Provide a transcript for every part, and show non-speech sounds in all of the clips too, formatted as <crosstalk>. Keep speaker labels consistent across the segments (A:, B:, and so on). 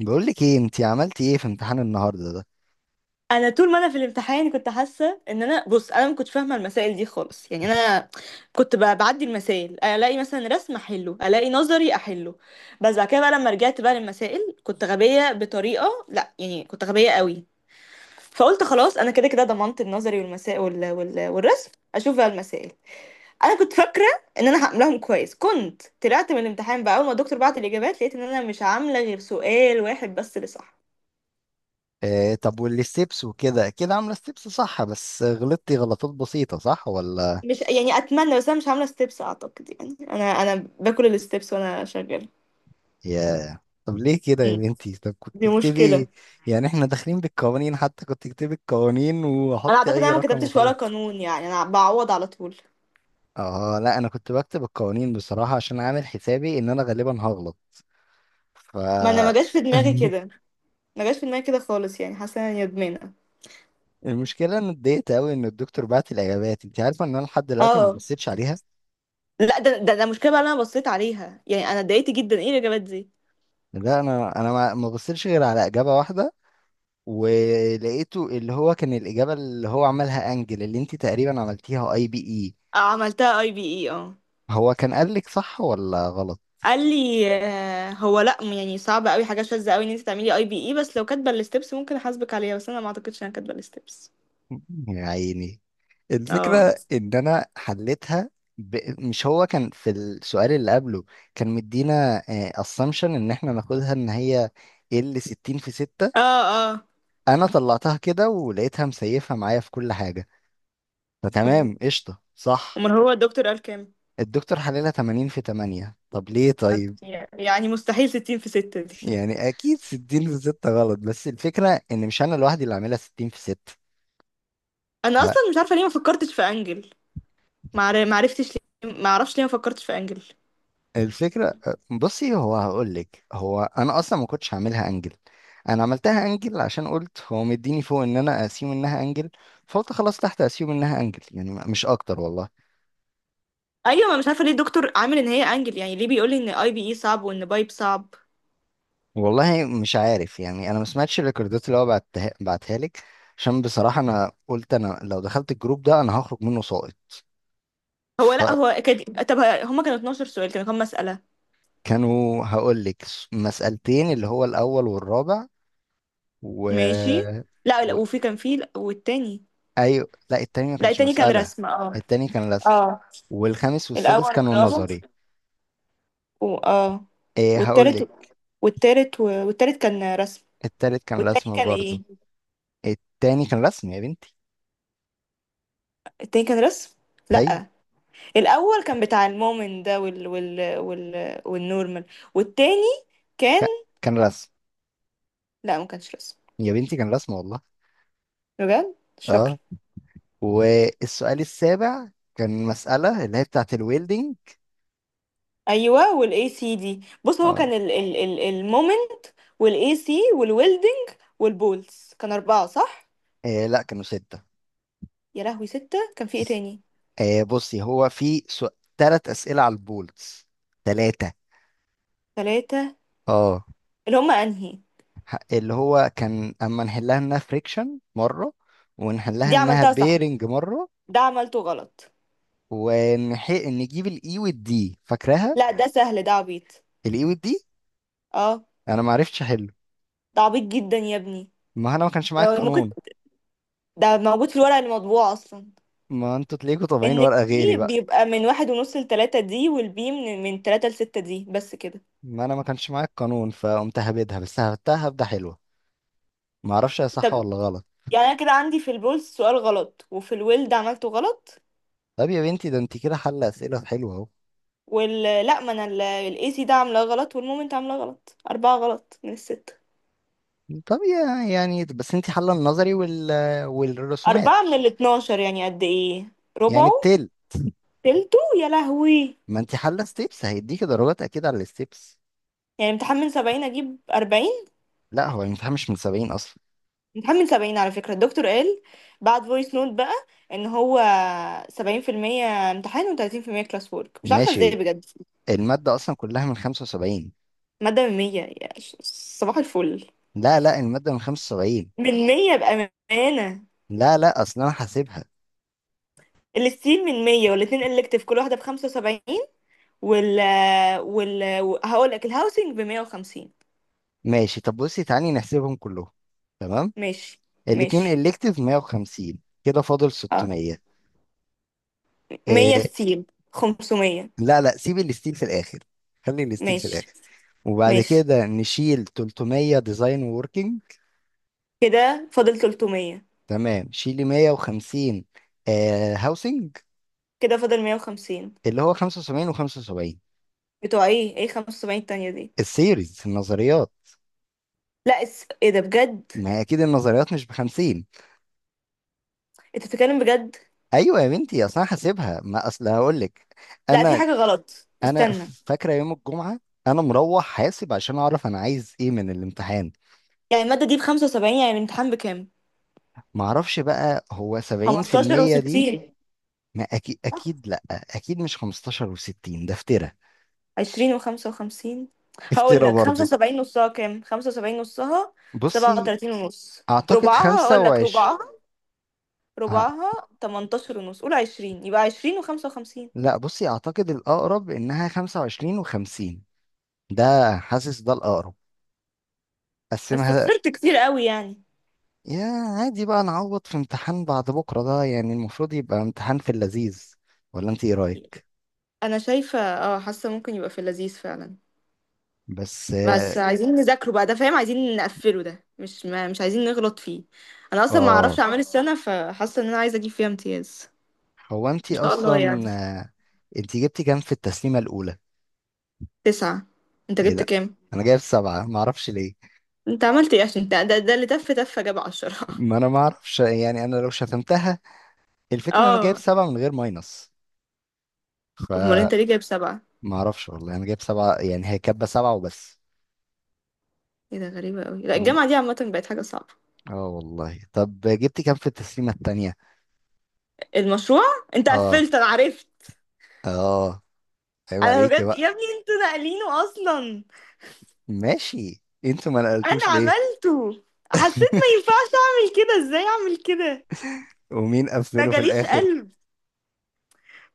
A: بقول لك ايه؟ انت عملتي ايه في امتحان النهارده ده؟
B: انا طول ما انا في الامتحان كنت حاسه ان انا، بص، انا ما كنتش فاهمه المسائل دي خالص. يعني انا كنت بعدي المسائل، الاقي مثلا رسم احله، الاقي نظري احله. بس بعد كده بقى لما رجعت بقى للمسائل كنت غبيه بطريقه، لا يعني كنت غبيه قوي. فقلت خلاص انا كده كده ضمنت النظري والمسائل والرسم، اشوف بقى المسائل. انا كنت فاكره ان انا هعملهم كويس. كنت طلعت من الامتحان بقى، اول ما الدكتور بعت الاجابات لقيت ان انا مش عامله غير سؤال واحد بس اللي صح.
A: آه، طب والستبس؟ وكده كده عامله ستبس صح، بس غلطتي غلطات بسيطه؟ صح ولا؟
B: مش يعني، اتمنى، بس انا مش عامله ستيبس اعتقد. يعني انا باكل الستيبس وانا شغاله.
A: يا طب ليه كده يا
B: مم.
A: بنتي؟ طب كنت
B: دي مشكله.
A: تكتبي، يعني احنا داخلين بالقوانين، حتى كنت تكتبي القوانين
B: انا
A: وحطي
B: اعتقد
A: اي
B: انا ما
A: رقم
B: كتبتش ولا
A: وخلاص.
B: قانون، يعني انا بعوض على طول.
A: اه لا، انا كنت بكتب القوانين بصراحه عشان عامل حسابي ان انا غالبا هغلط. ف
B: ما انا ما جاش في دماغي
A: <laughs>
B: كده، ما جاش في دماغي كده خالص. يعني حاسه اني ندمانه.
A: المشكله ان اتضايقت قوي ان الدكتور بعت الاجابات، انت عارفه ان انا لحد دلوقتي ما
B: اه،
A: بصيتش عليها.
B: لا ده مشكله بقى اللي انا بصيت عليها. يعني انا اتضايقت جدا، ايه الاجابات دي؟
A: لا انا ما بصيتش غير على اجابه واحده، ولقيته اللي هو كان الاجابه اللي هو عملها انجل، اللي انت تقريبا عملتيها اي بي اي.
B: آه، عملتها اي بي اي، اه.
A: هو كان قال لك صح ولا غلط؟
B: قال لي آه، هو لا يعني صعب قوي، حاجه شاذه قوي ان انت تعملي اي بي اي، بس لو كاتبه الستبس ممكن احاسبك عليها، بس انا ما اعتقدش ان انا كاتبه الستبس.
A: <laughs> يا عيني.
B: اه.
A: الفكره ان انا حليتها مش هو كان في السؤال اللي قبله كان مدينا اسامبشن ان احنا ناخدها ان هي ال 60 في 6؟
B: اه. اه
A: انا طلعتها كده ولقيتها مسيفه معايا في كل حاجه،
B: طب،
A: فتمام قشطه صح.
B: امال هو الدكتور قال كام؟
A: الدكتور حللها 80 في 8. طب ليه طيب؟
B: يعني مستحيل ستين في ستة دي <laughs>
A: يعني اكيد 60 في 6 غلط، بس الفكره ان مش انا لوحدي اللي عاملها 60 في 6.
B: انا
A: لا
B: اصلا مش عارفه ليه ما فكرتش في انجل. ما عرفتش ليه، ما اعرفش ليه ما فكرتش في انجل.
A: الفكره، بصي هو هقول لك، هو انا اصلا ما كنتش هعملها انجل، انا عملتها انجل عشان قلت هو مديني فوق ان انا اسيوم انها انجل، فقلت خلاص تحت اسيوم انها انجل، يعني مش اكتر والله.
B: ايوه، ما مش عارفه ليه الدكتور عامل ان هي انجل؟ يعني ليه بيقول لي ان اي بي اي صعب وان بايب صعب؟
A: والله مش عارف، يعني انا ما سمعتش الريكوردات اللي هو بعتها لك عشان بصراحه انا قلت انا لو دخلت الجروب ده انا هخرج منه ساقط.
B: هو لا هو كان، طب هما كانوا 12 سؤال، كانوا كام مساله؟
A: كانوا، هقول لك، مسألتين اللي هو الأول والرابع و...
B: ماشي. لا
A: و...
B: لا وفي كان في، لا، والتاني.
A: أيوة لا، التاني ما
B: لا
A: كانش
B: التاني كان
A: مسألة،
B: رسم، اه.
A: التاني كان رسم.
B: اه.
A: والخامس والسادس
B: الاول
A: كانوا
B: والرابع
A: نظري.
B: و... اه.
A: إيه هقول
B: والتالت.
A: لك،
B: والتالت و... والتالت كان رسم.
A: التالت كان
B: والتاني
A: رسم
B: كان
A: برضو.
B: ايه؟
A: التاني كان رسم يا بنتي.
B: التاني كان رسم.
A: أيوة
B: لا. الاول كان بتاع المؤمن ده وال والنورمال. والتاني كان.
A: ك- كان رسم
B: لا ما كانش رسم.
A: يا بنتي، كان رسم والله.
B: بجد مش فاكره.
A: اه، والسؤال السابع كان مسألة اللي هي بتاعة الويلدينج.
B: ايوه، والاي سي دي، بص هو
A: اه.
B: كان ال المومنت والاي سي والويلدنج والبولز، كان اربعه صح.
A: إيه لا، كانوا ستة.
B: يا لهوي، سته؟ كان في ايه تاني؟
A: إيه بصي، هو في تلات أسئلة على البولتس، تلاتة.
B: ثلاثه.
A: اه،
B: اللي هم انهي؟
A: اللي هو كان اما نحلها انها فريكشن مره ونحلها
B: دي
A: انها
B: عملتها صح.
A: بيرنج مره،
B: ده عملته غلط.
A: نجيب الاي والدي، فاكراها؟
B: لا ده سهل، ده عبيط.
A: الاي والدي.
B: اه.
A: انا ما عرفتش احله،
B: ده عبيط جدا يا ابني.
A: ما انا ما كانش معايا
B: ده ممكن.
A: القانون.
B: ده موجود في الورقه المطبوعه اصلا.
A: ما انتوا تلاقيكوا
B: ان
A: طابعين ورقه غيري
B: البي
A: بقى.
B: بيبقى من واحد ونص لتلاتة دي، والبي من تلاتة لستة دي، بس كده.
A: ما انا ما كانش معايا القانون، فقمت هبدها بس، هبتها هبده حلوه، ما اعرفش هي صح
B: طب.
A: ولا غلط.
B: يعني انا كده عندي في البولز سؤال غلط، وفي الويلد عملته غلط.
A: طب يا بنتي، ده انت كده حل اسئله حلوه اهو.
B: وال، لا ما انا، الاي سي ده عاملاه غلط، والمومنت عاملاه غلط. اربعة غلط من الستة.
A: طب يا يعني، بس انت حل النظري والرسومات،
B: اربعة من الاتناشر يعني قد ايه؟
A: يعني
B: ربعه.
A: بتل.
B: تلته، يا لهوي.
A: ما انت حل ستيبس، هيديكي درجات اكيد على الستيبس.
B: يعني امتحان من سبعين اجيب اربعين.
A: لا هو الامتحان مش من 70 اصلا.
B: امتحان من سبعين على فكرة، الدكتور قال بعد فويس نوت بقى ان هو 70% امتحان وتلاتين في المية كلاس وورك، مش عارفة ازاي
A: ماشي.
B: بجد.
A: المادة اصلا كلها من 75.
B: مادة من مية، صباح الفل.
A: لا لا، المادة من 75.
B: من مية بأمانة.
A: لا لا، اصلا انا حاسبها.
B: الستيل من مية، والاتنين إلكتيف كل واحدة بخمسة وسبعين. وال وال هقولك الهاوسنج بمية وخمسين.
A: ماشي، طب بصي تعالي نحسبهم كلهم. تمام.
B: ماشي.
A: الاتنين
B: ماشي.
A: الكتيف 150. كده فاضل
B: اه،
A: 600.
B: مية
A: إيه.
B: ستيل. خمسمية.
A: لا لا، سيب الستيل في الاخر، خلي الستيل في
B: ماشي.
A: الاخر. وبعد
B: ماشي.
A: كده نشيل 300، ديزاين ووركينج.
B: كده فاضل تلتمية.
A: تمام، شيلي 150، آه هاوسنج.
B: كده فاضل مية وخمسين.
A: اللي هو 75 و75.
B: بتوع ايه؟ ايه خمسة وسبعين التانية دي؟
A: السيريز، النظريات.
B: لا ايه ده بجد؟
A: ما هي اكيد النظريات مش بخمسين.
B: انت بتتكلم بجد؟
A: ايوه يا بنتي، اصل انا حاسبها، ما اصل هقول لك.
B: لا في
A: انا.
B: حاجة غلط،
A: انا
B: استنى.
A: فاكره يوم الجمعه انا مروح حاسب عشان اعرف انا عايز ايه من الامتحان.
B: يعني المادة دي بخمسة وسبعين، يعني الامتحان بكام؟
A: ما اعرفش بقى، هو
B: 15
A: 70%
B: و60.
A: دي. ما اكيد اكيد، لا اكيد مش 15 و60، ده افترا.
B: عشرين وخمسة وخمسين. هقول
A: افترا
B: لك خمسة
A: برضو.
B: وسبعين نصها كام، خمسة وسبعين نصها سبعة
A: بصي
B: وتلاتين ونص.
A: اعتقد
B: ربعها، هقول لك
A: 25.
B: ربعها،
A: ه-
B: ربعها تمنتاشر ونص، قول عشرين، يبقى عشرين وخمسة وخمسين.
A: لا بصي، اعتقد الاقرب انها 25 و50. ده، حاسس ده الاقرب.
B: بس
A: قسمها
B: خسرت كتير قوي يعني.
A: يا. عادي بقى، نعوض في امتحان بعد بكرة ده، يعني المفروض يبقى امتحان في اللذيذ. ولا انت ايه رأيك؟
B: أنا شايفة اه، حاسة ممكن يبقى في اللذيذ فعلا.
A: بس
B: بس
A: اه.
B: عايزين نذاكره بقى ده فاهم، عايزين نقفله ده، مش عايزين نغلط فيه. أنا أصلا ما
A: آه،
B: أعرفش أعمال السنة، فحاسة إن أنا عايزة أجيب فيها امتياز.
A: هو انت
B: إن شاء الله يعني.
A: اصلا. آه، انت جبتي كام في التسليمة الأولى؟
B: تسعة. أنت
A: ايه
B: جبت
A: ده؟
B: كام؟
A: انا جايب سبعة، معرفش ليه.
B: انت عملت ايه عشان ده اللي تف تف جاب عشرة <laughs>
A: ما انا معرفش، يعني انا لو شتمتها. الفكرة ان انا جايب
B: اه.
A: سبعة من غير ماينس،
B: امال انت
A: فمعرفش.
B: ليه جايب سبعة؟
A: والله انا جايب سبعة، يعني هي كاتبة سبعة وبس.
B: ايه ده، غريبة قوي. لا
A: مم.
B: الجامعة دي عامة بقت حاجة صعبة.
A: اه والله. طب جبتي كام في التسليمة التانية؟
B: المشروع. انت
A: اه.
B: قفلت انا عرفت.
A: اه، عيب
B: انا
A: عليكي
B: بجد يا
A: بقى.
B: ابني انتوا ناقلينه اصلا.
A: ماشي، انتوا ما
B: انا
A: نقلتوش ليه؟
B: عملته. حسيت ما
A: <laughs>
B: ينفعش اعمل كده، ازاي اعمل كده.
A: ومين
B: ما
A: قفله في
B: جاليش
A: الاخر؟
B: قلب.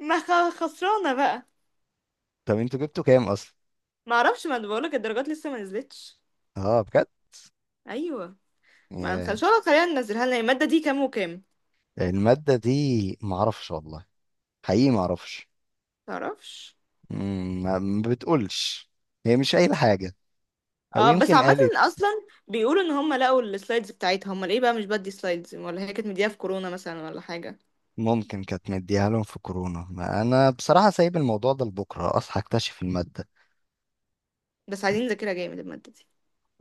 B: ما خ- خسرانة بقى.
A: طب انتوا جبتوا كام اصلا؟
B: ما اعرفش، ما انا بقولك الدرجات لسه ما نزلتش.
A: اه بجد؟
B: ايوه. ما ان
A: ياه.
B: شاء الله خلينا ننزلها لنا المادة دي كام وكام.
A: المادة دي، معرفش والله، حقيقي معرفش.
B: تعرفش.
A: ما ما بتقولش، هي مش قايلة حاجة. او
B: اه بس
A: يمكن
B: عامة
A: قالت.
B: اصلا بيقولوا ان هم لقوا السلايدز بتاعتها، هم ليه بقى مش بدي سلايدز؟ ولا هي كانت مديها في كورونا مثلا ولا حاجة.
A: ممكن كانت مديها لهم في كورونا، ما انا بصراحة سايب الموضوع ده لبكرة اصحى اكتشف المادة.
B: بس عايزين نذاكرها جامد المادة دي.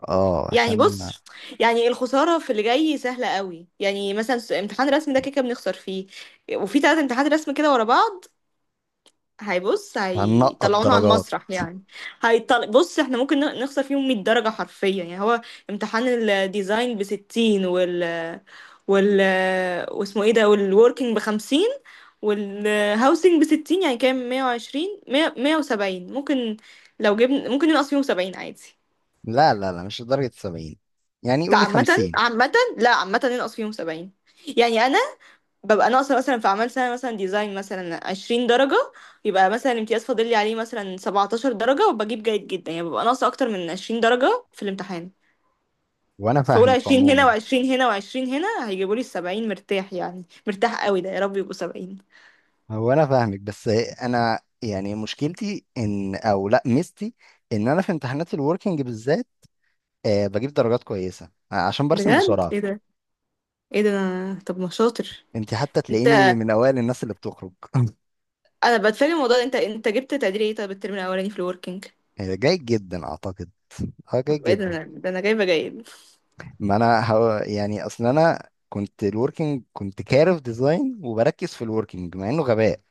A: اه
B: يعني
A: عشان
B: بص، يعني الخسارة في اللي جاي سهلة قوي. يعني مثلا امتحان رسم ده كده كده بنخسر فيه. وفي تلات امتحانات رسم كده ورا بعض، هيبص
A: هنقط
B: هيطلعونا على
A: درجات.
B: المسرح يعني. بص احنا ممكن نخسر فيهم 100 درجة حرفيا. يعني هو امتحان الديزاين ب 60، وال وال واسمه ايه ده، والوركينج ب 50، والهاوسنج بستين، يعني كام؟ مية وعشرين، مية، مية وسبعين ممكن. لو جبنا ممكن ننقص فيهم سبعين عادي.
A: لا لا لا، مش لدرجة سبعين، يعني
B: لا
A: قولي
B: عامة،
A: خمسين.
B: عامة، لا عامة ننقص فيهم سبعين. يعني أنا ببقى ناقصة مثلا في أعمال سنة، مثلا ديزاين مثلا عشرين درجة، يبقى مثلا الامتياز فاضل لي عليه مثلا سبعتاشر درجة، وبجيب جيد جدا، يعني ببقى ناقصة أكتر من عشرين درجة في الامتحان.
A: وانا
B: فأقول
A: فاهمك
B: عشرين هنا
A: عموما.
B: وعشرين هنا وعشرين هنا هيجيبوا لي السبعين، مرتاح يعني، مرتاح قوي ده. يا رب يبقوا سبعين.
A: هو انا فاهمك، بس انا يعني مشكلتي ان، او لا ميزتي، ان انا في امتحانات الوركينج بالذات آه بجيب درجات كويسه، آه، عشان برسم
B: بجد
A: بسرعه.
B: ايه ده؟ ايه ده؟ أنا- طب ما شاطر.
A: انت حتى
B: انت،
A: تلاقيني من اوائل الناس اللي بتخرج. <laughs>
B: انا بتفاجئ من الموضوع ده. انت جبت تقدير ايه طب الترم الاولاني في الوركينج؟
A: آه، جيد جدا اعتقد. اه جيد
B: طب ايه ده،
A: جدا.
B: انا ده انا جايبه جيد
A: ما انا هو يعني، اصل انا كنت الوركينج كنت كارف ديزاين وبركز في الوركينج، مع انه غباء،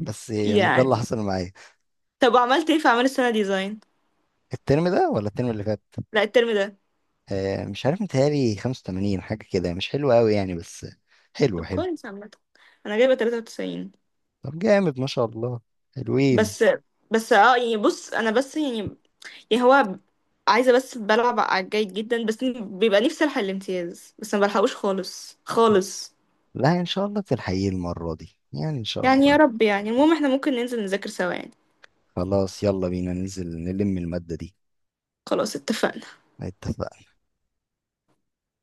A: بس يعني ده اللي
B: يعني.
A: حصل معايا.
B: طب عملت ايه في اعمال السنه ديزاين؟
A: الترم ده ولا الترم اللي فات؟
B: لا الترم ده.
A: آه مش عارف، متهيألي 85 حاجه كده، مش حلو قوي يعني، بس حلو
B: طب
A: حلو.
B: كويس عامه. انا جايبه 93.
A: طب جامد ما شاء الله، حلوين.
B: بس بس اه يعني بص انا بس يعني، يعني هو عايزه بس بلعب على الجيد جدا، بس بيبقى نفسي الحق الامتياز بس ما بلحقوش خالص خالص.
A: لا ان شاء الله تلحقيه المرة دي، يعني ان شاء
B: يعني يا
A: الله.
B: رب يعني. المهم احنا ممكن ننزل نذاكر سوا يعني.
A: خلاص يلا بينا ننزل نلم المادة دي.
B: خلاص، اتفقنا.
A: اتفقنا.